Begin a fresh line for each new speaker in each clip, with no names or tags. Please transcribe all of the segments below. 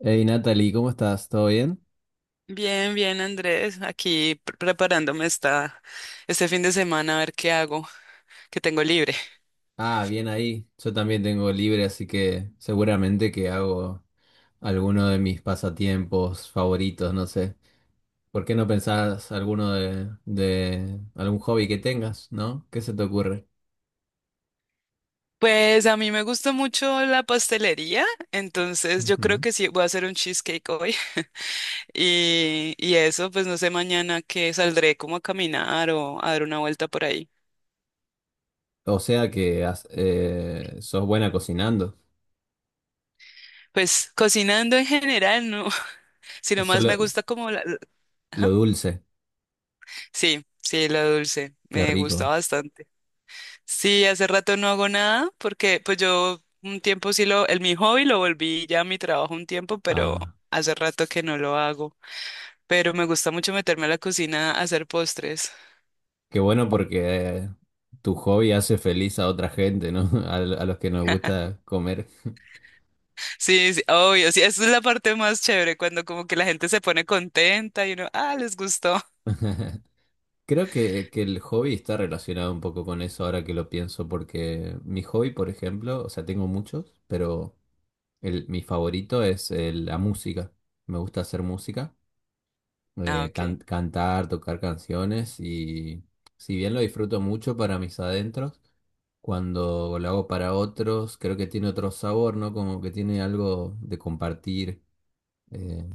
Hey Natalie, ¿cómo estás? ¿Todo bien?
Bien, bien, Andrés, aquí preparándome este fin de semana a ver qué hago, que tengo libre.
Ah, bien ahí. Yo también tengo libre, así que seguramente que hago alguno de mis pasatiempos favoritos, no sé. ¿Por qué no pensás alguno de algún hobby que tengas, ¿no? ¿Qué se te ocurre?
Pues a mí me gusta mucho la pastelería, entonces yo creo
Ujú.
que sí voy a hacer un cheesecake hoy. Y eso, pues no sé, mañana que saldré como a caminar o a dar una vuelta por ahí.
O sea que sos buena cocinando.
Pues cocinando en general, no, sino más me
Solo
gusta como
lo
ajá.
dulce,
Sí, sí, la dulce,
qué
me gusta
rico.
bastante. Sí, hace rato no hago nada porque pues yo un tiempo sí lo, el mi hobby lo volví ya mi trabajo un tiempo, pero
Ah,
hace rato que no lo hago. Pero me gusta mucho meterme a la cocina a hacer postres.
qué bueno porque eh, tu hobby hace feliz a otra gente, ¿no? A, a los que nos gusta comer.
Sí, sí, obvio, sí, esa es la parte más chévere cuando como que la gente se pone contenta y uno, ah, les gustó.
Creo que el hobby está relacionado un poco con eso ahora que lo pienso, porque mi hobby, por ejemplo, o sea, tengo muchos, pero el, mi favorito es la música. Me gusta hacer música,
Ah, ok.
cantar, tocar canciones y si bien lo disfruto mucho para mis adentros, cuando lo hago para otros, creo que tiene otro sabor, ¿no? Como que tiene algo de compartir. eh,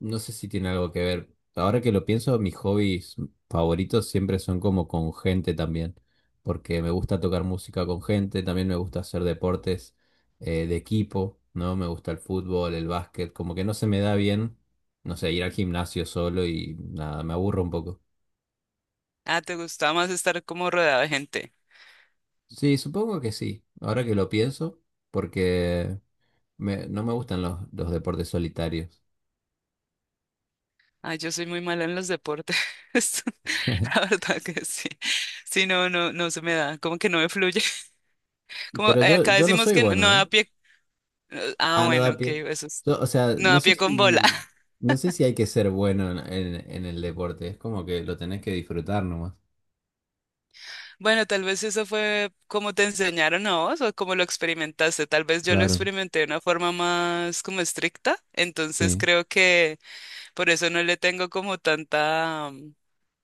no sé si tiene algo que ver. Ahora que lo pienso, mis hobbies favoritos siempre son como con gente también, porque me gusta tocar música con gente, también me gusta hacer deportes de equipo, ¿no? Me gusta el fútbol, el básquet, como que no se me da bien, no sé, ir al gimnasio solo y nada, me aburro un poco.
Ah, te gustaba más estar como rodeada de gente.
Sí, supongo que sí, ahora que lo pienso, porque no me gustan los deportes solitarios.
Ah, yo soy muy mala en los deportes. La verdad que sí. Sí, no, no, no se me da, como que no me fluye. Como
Pero
acá
yo no
decimos
soy
que no
bueno, ¿eh?
da pie. Ah,
Ah, no
bueno,
da
ok,
pie.
eso es.
Yo, o sea,
No, a pie con bola.
no sé si hay que ser bueno en el deporte. Es como que lo tenés que disfrutar nomás.
Bueno, tal vez eso fue como te enseñaron a vos o como lo experimentaste. Tal vez yo lo
Claro,
experimenté de una forma más como estricta. Entonces
sí.
creo que por eso no le tengo como tanta, mm,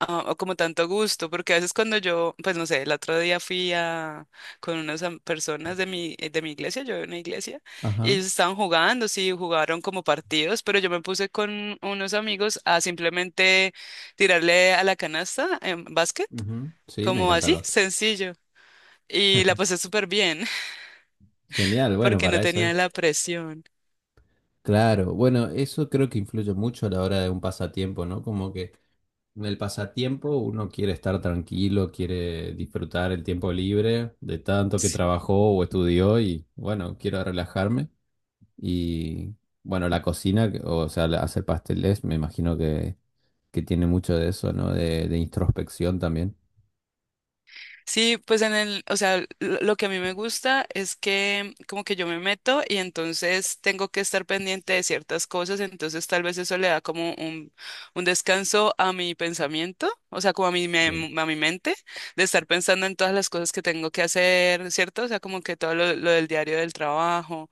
ah, o como tanto gusto, porque a veces cuando yo, pues no sé, el otro día fui a, con unas personas de mi iglesia, yo de una iglesia, y
Ajá.
ellos estaban jugando, sí, jugaron como partidos, pero yo me puse con unos amigos a simplemente tirarle a la canasta en básquet,
Ujú. Sí, me
como
encanta el
así,
básquet.
sencillo, y la pasé súper bien,
Genial, bueno,
porque no
para eso
tenía
es.
la presión.
Claro, bueno, eso creo que influye mucho a la hora de un pasatiempo, ¿no? Como que en el pasatiempo uno quiere estar tranquilo, quiere disfrutar el tiempo libre de tanto que
Sí.
trabajó o estudió y bueno, quiero relajarme. Y bueno, la cocina, o sea, hacer pasteles, me imagino que tiene mucho de eso, ¿no? De introspección también.
Sí, pues o sea, lo que a mí me gusta es que como que yo me meto y entonces tengo que estar pendiente de ciertas cosas, entonces tal vez eso le da como un descanso a mi pensamiento, o sea, como a mi,
Sí.
mem- a mi mente, de estar pensando en todas las cosas que tengo que hacer, ¿cierto? O sea, como que todo lo del diario del trabajo.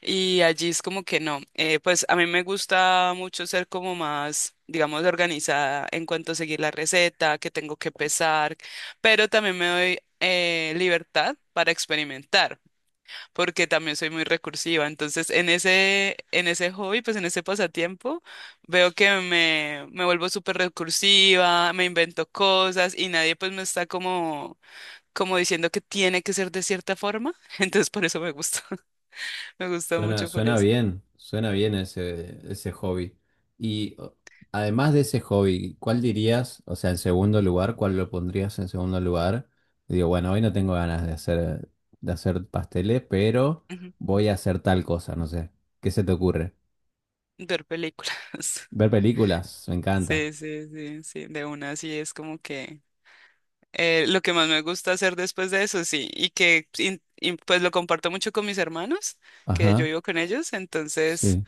Y allí es como que no. Pues a mí me gusta mucho ser como más, digamos, organizada en cuanto a seguir la receta, que tengo que pesar, pero también me doy libertad para experimentar, porque también soy muy recursiva. Entonces, en ese hobby, pues en ese pasatiempo, veo que me vuelvo súper recursiva, me invento cosas y nadie pues me está como diciendo que tiene que ser de cierta forma. Entonces, por eso me gusta, me gusta mucho por
Suena
eso.
bien, suena bien ese hobby. Y además de ese hobby, ¿cuál dirías, o sea, en segundo lugar, cuál lo pondrías en segundo lugar? Digo, bueno, hoy no tengo ganas de de hacer pasteles, pero
Ujú.
voy a hacer tal cosa, no sé. ¿Qué se te ocurre?
Ver películas.
Ver películas, me encanta.
Sí, sí, sí, sí, de una sí es como que lo que más me gusta hacer después de eso, sí, y pues lo comparto mucho con mis hermanos, que yo
Ajá,
vivo con ellos, entonces
sí.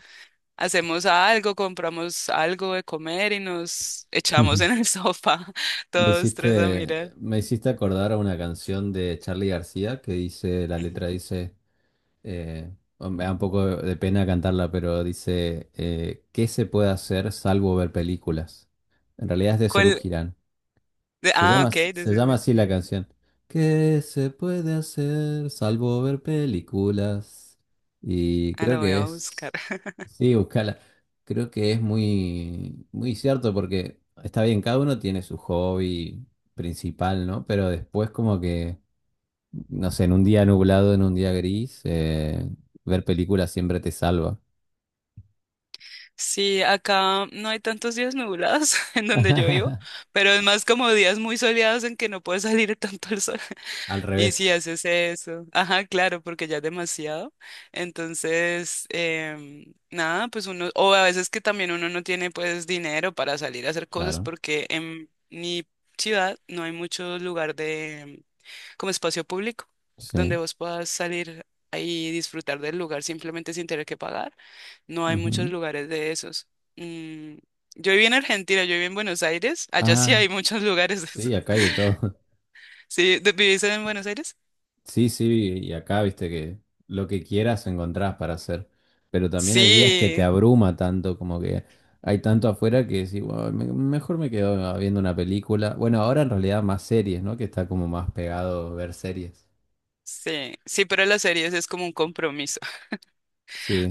hacemos algo, compramos algo de comer y nos echamos en el sofá todos tres a mirar.
Me hiciste acordar a una canción de Charly García que dice, la
Ujú.
letra dice, eh, bueno, me da un poco de pena cantarla, pero dice, ¿qué se puede hacer salvo ver películas? En realidad es de Serú
¿Cuál?
Girán.
Ah, ok,
Se llama así la
mira.
canción. ¿Qué se puede hacer salvo ver películas? Y
Ah,
creo
la voy
que
a buscar.
es... Sí, buscala. Creo que es muy cierto porque está bien, cada uno tiene su hobby principal, ¿no? Pero después no sé, en un día nublado, en un día gris, ver películas siempre te salva.
Sí, acá no hay tantos días nublados en donde yo vivo, pero es más como días muy soleados en que no puede salir tanto el sol.
Al
Y
revés,
si haces eso, ajá, claro, porque ya es demasiado. Entonces, nada, pues uno, o a veces que también uno no tiene pues dinero para salir a hacer cosas
claro.
porque en mi ciudad no hay mucho lugar de como espacio público, donde
Sí.
vos puedas salir ahí y disfrutar del lugar simplemente sin tener que pagar. No hay muchos
Ujú.
lugares de esos. Mm, yo viví en Argentina, yo viví en Buenos Aires. Allá sí
Ah,
hay muchos lugares de esos.
sí, acá hay de todo.
¿Sí? ¿Vivís en Buenos Aires?
Sí, y acá viste que lo que quieras encontrás para hacer, pero también hay días que te
Sí.
abruma tanto, como que hay tanto afuera que decís, "Bueno, mejor me quedo viendo una película. Bueno, ahora en realidad más series, ¿no? Que está como más pegado ver series.
Sí, sí, pero las series es como un compromiso.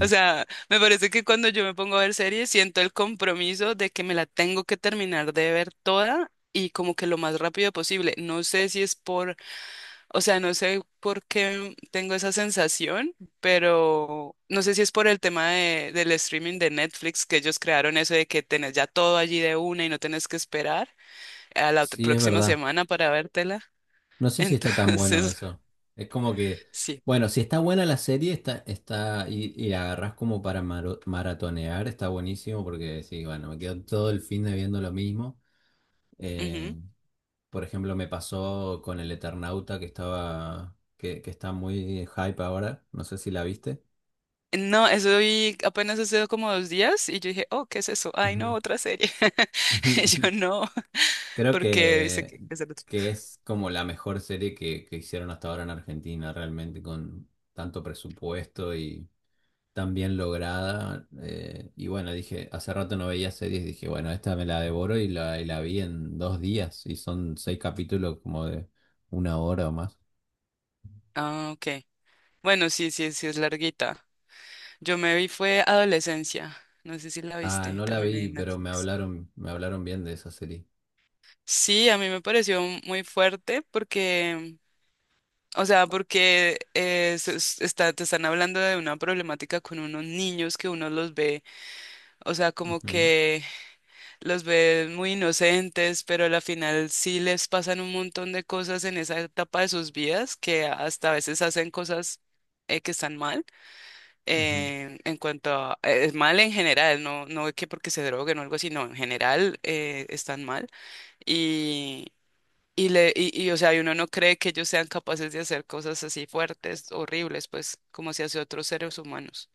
O sea, me parece que cuando yo me pongo a ver series siento el compromiso de que me la tengo que terminar de ver toda y como que lo más rápido posible. No sé si es por, o sea, no sé por qué tengo esa sensación, pero no sé si es por el tema del streaming de Netflix que ellos crearon eso de que tenés ya todo allí de una y no tenés que esperar a la
sí, es
próxima
verdad.
semana para vértela.
No sé si está tan bueno
Entonces,
eso. Es como que,
sí.
bueno, si está buena la serie, está, y la agarrás como para maratonear, está buenísimo porque decís, bueno, me quedo todo el fin de viendo lo mismo. Eh,
Ujú.
Por ejemplo, me pasó con el Eternauta que estaba, que está muy hype ahora. No sé si la viste.
No, eso vi apenas hace como 2 días y yo dije, oh, ¿qué es eso? Ay, no,
Ujú.
otra serie. Y yo no,
Creo
porque dice que es el otro.
que es como la mejor serie que hicieron hasta ahora en Argentina, realmente con tanto presupuesto y tan bien lograda. Y bueno, dije, hace rato no veía series, dije, bueno, esta me la devoro y y la vi en dos días. Y son seis capítulos como de una hora o más.
Ah, ok. Bueno, sí, sí, sí es larguita. Yo me vi fue Adolescencia, no sé si la
Ah,
viste,
no la
también hay
vi,
en
pero
Netflix.
me hablaron bien de esa serie.
Sí, a mí me pareció muy fuerte porque, o sea, porque está, te están hablando de una problemática con unos niños que uno los ve, o sea, como
Ujú,
que los ve muy inocentes, pero al final sí les pasan un montón de cosas en esa etapa de sus vidas que hasta a veces hacen cosas que están mal.
ujú.
En cuanto a, es mal en general, no, no es que porque se droguen o algo así, no, en general están mal y, o sea, y uno no cree que ellos sean capaces de hacer cosas así fuertes, horribles, pues como se hace a otros seres humanos.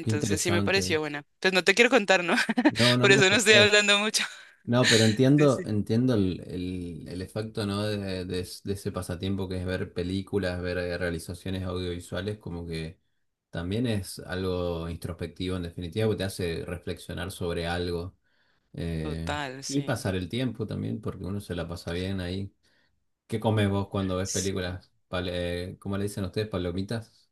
Qué
sí me
interesante.
pareció buena. Pues no te quiero contar, ¿no?
No, no
Por
me
eso no estoy
spoilees.
hablando mucho.
No, pero
Sí,
entiendo,
sí.
entiendo el efecto, ¿no? De de ese pasatiempo que es ver películas, ver realizaciones audiovisuales, como que también es algo introspectivo en definitiva, porque te hace reflexionar sobre algo eh,
Total,
y
sí.
pasar el tiempo también, porque uno se la pasa bien ahí. ¿Qué comes vos cuando ves
Sí.
películas? ¿Cómo le dicen ustedes? ¿Palomitas?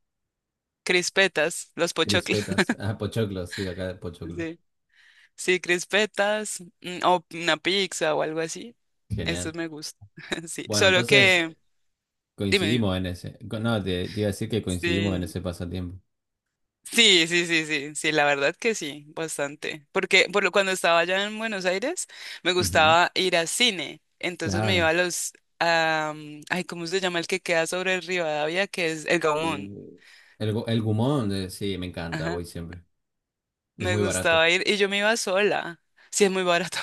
Crispetas, los pochoclos.
¿Crispetas? Ah, pochoclos, sí, acá pochoclos.
Sí. Sí, crispetas, o una pizza o algo así. Estos
Genial.
me gustan. Sí,
Bueno,
solo
entonces
que, dime, dime.
coincidimos en ese. No, te iba a decir que coincidimos en
Sí,
ese pasatiempo.
sí, sí, sí, sí, sí, la verdad que sí, bastante. Porque cuando estaba allá en Buenos Aires, me
Ujú,
gustaba ir a cine. Entonces me iba
claro.
a los, ay, ¿cómo se llama el que queda sobre el Rivadavia? Que es el Gaumont.
Eh, el gumón, sí, me encanta,
Ajá.
voy siempre. Y es
Me
muy barato.
gustaba ir y yo me iba sola. Sí, es muy barato.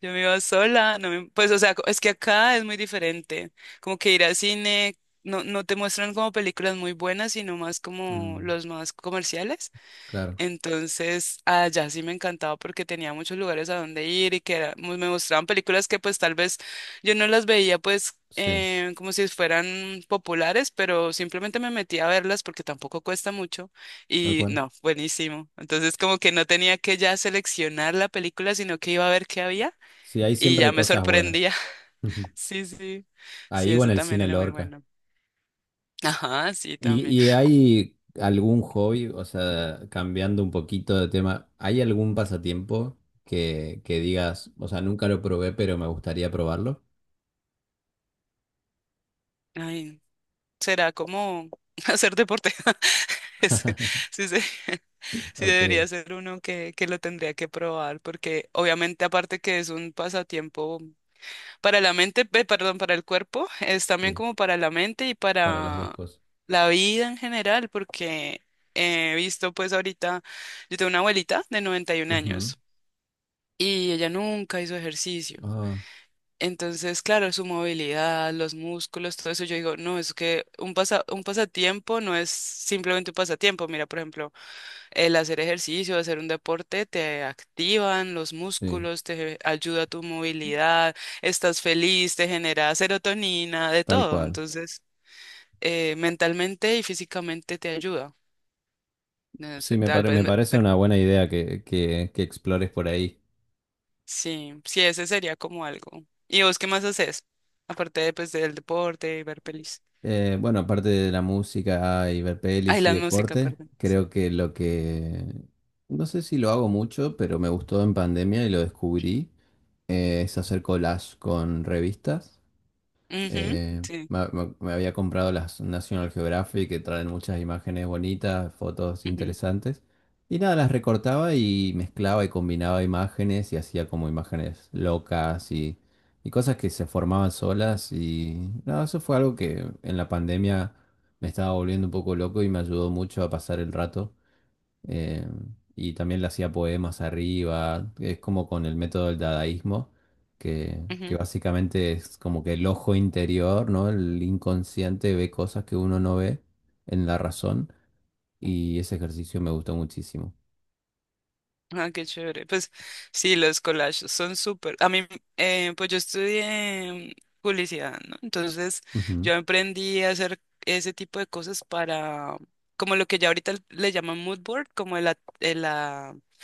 Yo me iba sola, no pues o sea, es que acá es muy diferente, como que ir al cine, no, no te muestran como películas muy buenas, sino más como
Mm,
los más comerciales,
claro,
entonces allá sí me encantaba porque tenía muchos lugares a donde ir y que me mostraban películas que pues tal vez yo no las veía pues
sí,
como si fueran populares, pero simplemente me metía a verlas porque tampoco cuesta mucho
tal
y
cual.
no, buenísimo, entonces como que no tenía que ya seleccionar la película, sino que iba a ver qué había.
Sí, ahí
Y
siempre hay
ya me
cosas buenas.
sorprendía.
Ujú.
Sí, sí. Sí,
Ahí o en
eso
el
también
cine
era muy
Lorca.
bueno. Ajá, sí,
¿Y,
también.
y
Co-
hay algún hobby, o sea, cambiando un poquito de tema, ¿hay algún pasatiempo que digas, o sea, nunca lo probé, pero me gustaría probarlo?
Ay, será como hacer deporte. Es- Sí, sí, sí debería
Ok,
ser uno que lo tendría que probar, porque obviamente aparte que es un pasatiempo para la mente, perdón, para el cuerpo, es también
sí,
como para la mente y
para las dos
para
cosas.
la vida en general, porque he visto pues ahorita, yo tengo una abuelita de noventa y un
Ujú.
años y ella nunca hizo ejercicio.
Ah,
Entonces, claro, su movilidad, los músculos, todo eso, yo digo, no, es que un pasatiempo no es simplemente un pasatiempo. Mira, por ejemplo, el hacer ejercicio, hacer un deporte, te activan los
sí,
músculos, te ayuda a tu movilidad, estás feliz, te genera serotonina, de
tal
todo.
cual.
Entonces, mentalmente y físicamente te ayuda. No
Sí,
sé, tal vez,
me parece una buena idea que explores por ahí.
sí, sí, ese sería como algo. ¿Y vos qué más haces? Aparte, pues, del deporte y ver pelis.
Bueno, aparte de la música y ver
Ay,
pelis y
la música,
deporte,
perdón. Sí.
creo que lo que... No sé si lo hago mucho, pero me gustó en pandemia y lo descubrí, es hacer collage con revistas.
Ujú, sí.
Me había comprado las National Geographic que traen muchas imágenes bonitas, fotos
Ujú,
interesantes. Y nada, las recortaba y mezclaba y combinaba imágenes y hacía como imágenes locas y cosas que se formaban solas. Y nada, eso fue algo que en la pandemia me estaba volviendo un poco loco y me ayudó mucho a pasar el rato eh, y también le hacía poemas arriba, es como con el método del dadaísmo, que
ujú.
básicamente es como que el ojo interior, ¿no? El inconsciente ve cosas que uno no ve en la razón y ese ejercicio me gustó muchísimo.
Ah, qué chévere. Pues sí, los collages son súper. A mí, pues yo estudié publicidad, ¿no? Entonces
Ujú,
yo aprendí a hacer ese tipo de cosas para, como lo que ya ahorita le llaman mood board, como el,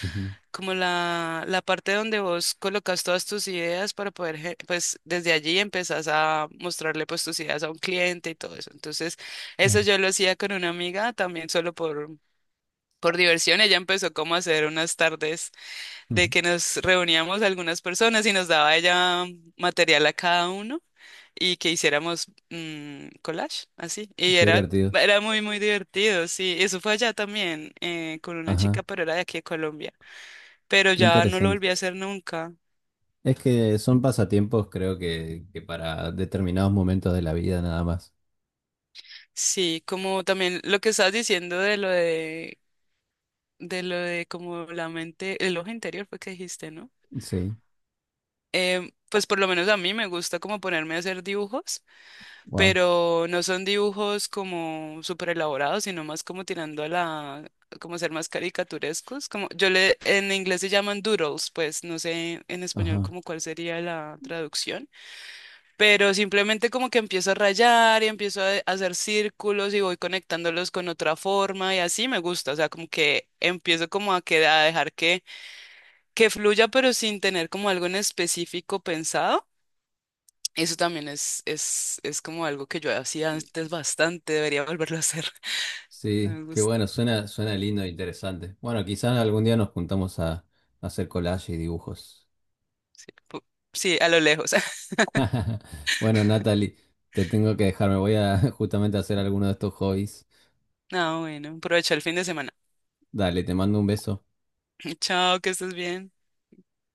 ujú.
como la parte donde vos colocas todas tus ideas para poder, pues desde allí empezás a mostrarle pues tus ideas a un cliente y todo eso. Entonces, eso
Claro.
yo lo hacía con una amiga también solo por diversión. Ella empezó como a hacer unas tardes de
Ujú,
que nos reuníamos algunas personas y nos daba ella material a cada uno y que hiciéramos collage, así.
qué divertido.
Era muy, muy divertido, sí. Eso fue allá también, con una
Ajá,
chica, pero era de aquí de Colombia, pero
qué
ya no lo
interesante.
volví a hacer nunca.
Es que son pasatiempos, creo que para determinados momentos de la vida nada más.
Sí, como también lo que estabas diciendo de lo de, como la mente, el ojo interior, fue que dijiste, ¿no?
Sí,
Pues por lo menos a mí me gusta como ponerme a hacer dibujos,
wow.
pero no son dibujos como súper elaborados, sino más como tirando a la, como ser más caricaturescos, en inglés se llaman doodles, pues no sé en español
Ajá.
como cuál sería la traducción, pero simplemente como que empiezo a rayar y empiezo a hacer círculos y voy conectándolos con otra forma y así me gusta, o sea, como que empiezo como a dejar que fluya, pero sin tener como algo en específico pensado. Eso también es como algo que yo hacía antes bastante, debería volverlo a hacer.
Sí,
Me
qué
gusta.
bueno, suena, suena lindo e interesante. Bueno, quizás algún día nos juntamos a hacer collage y dibujos.
Pu- Sí, a lo lejos.
Bueno, Natalie, te tengo que dejar, me voy a justamente a hacer alguno de estos hobbies.
No, bueno, aprovecha el fin de semana.
Dale, te mando un beso.
Chao, que estés bien.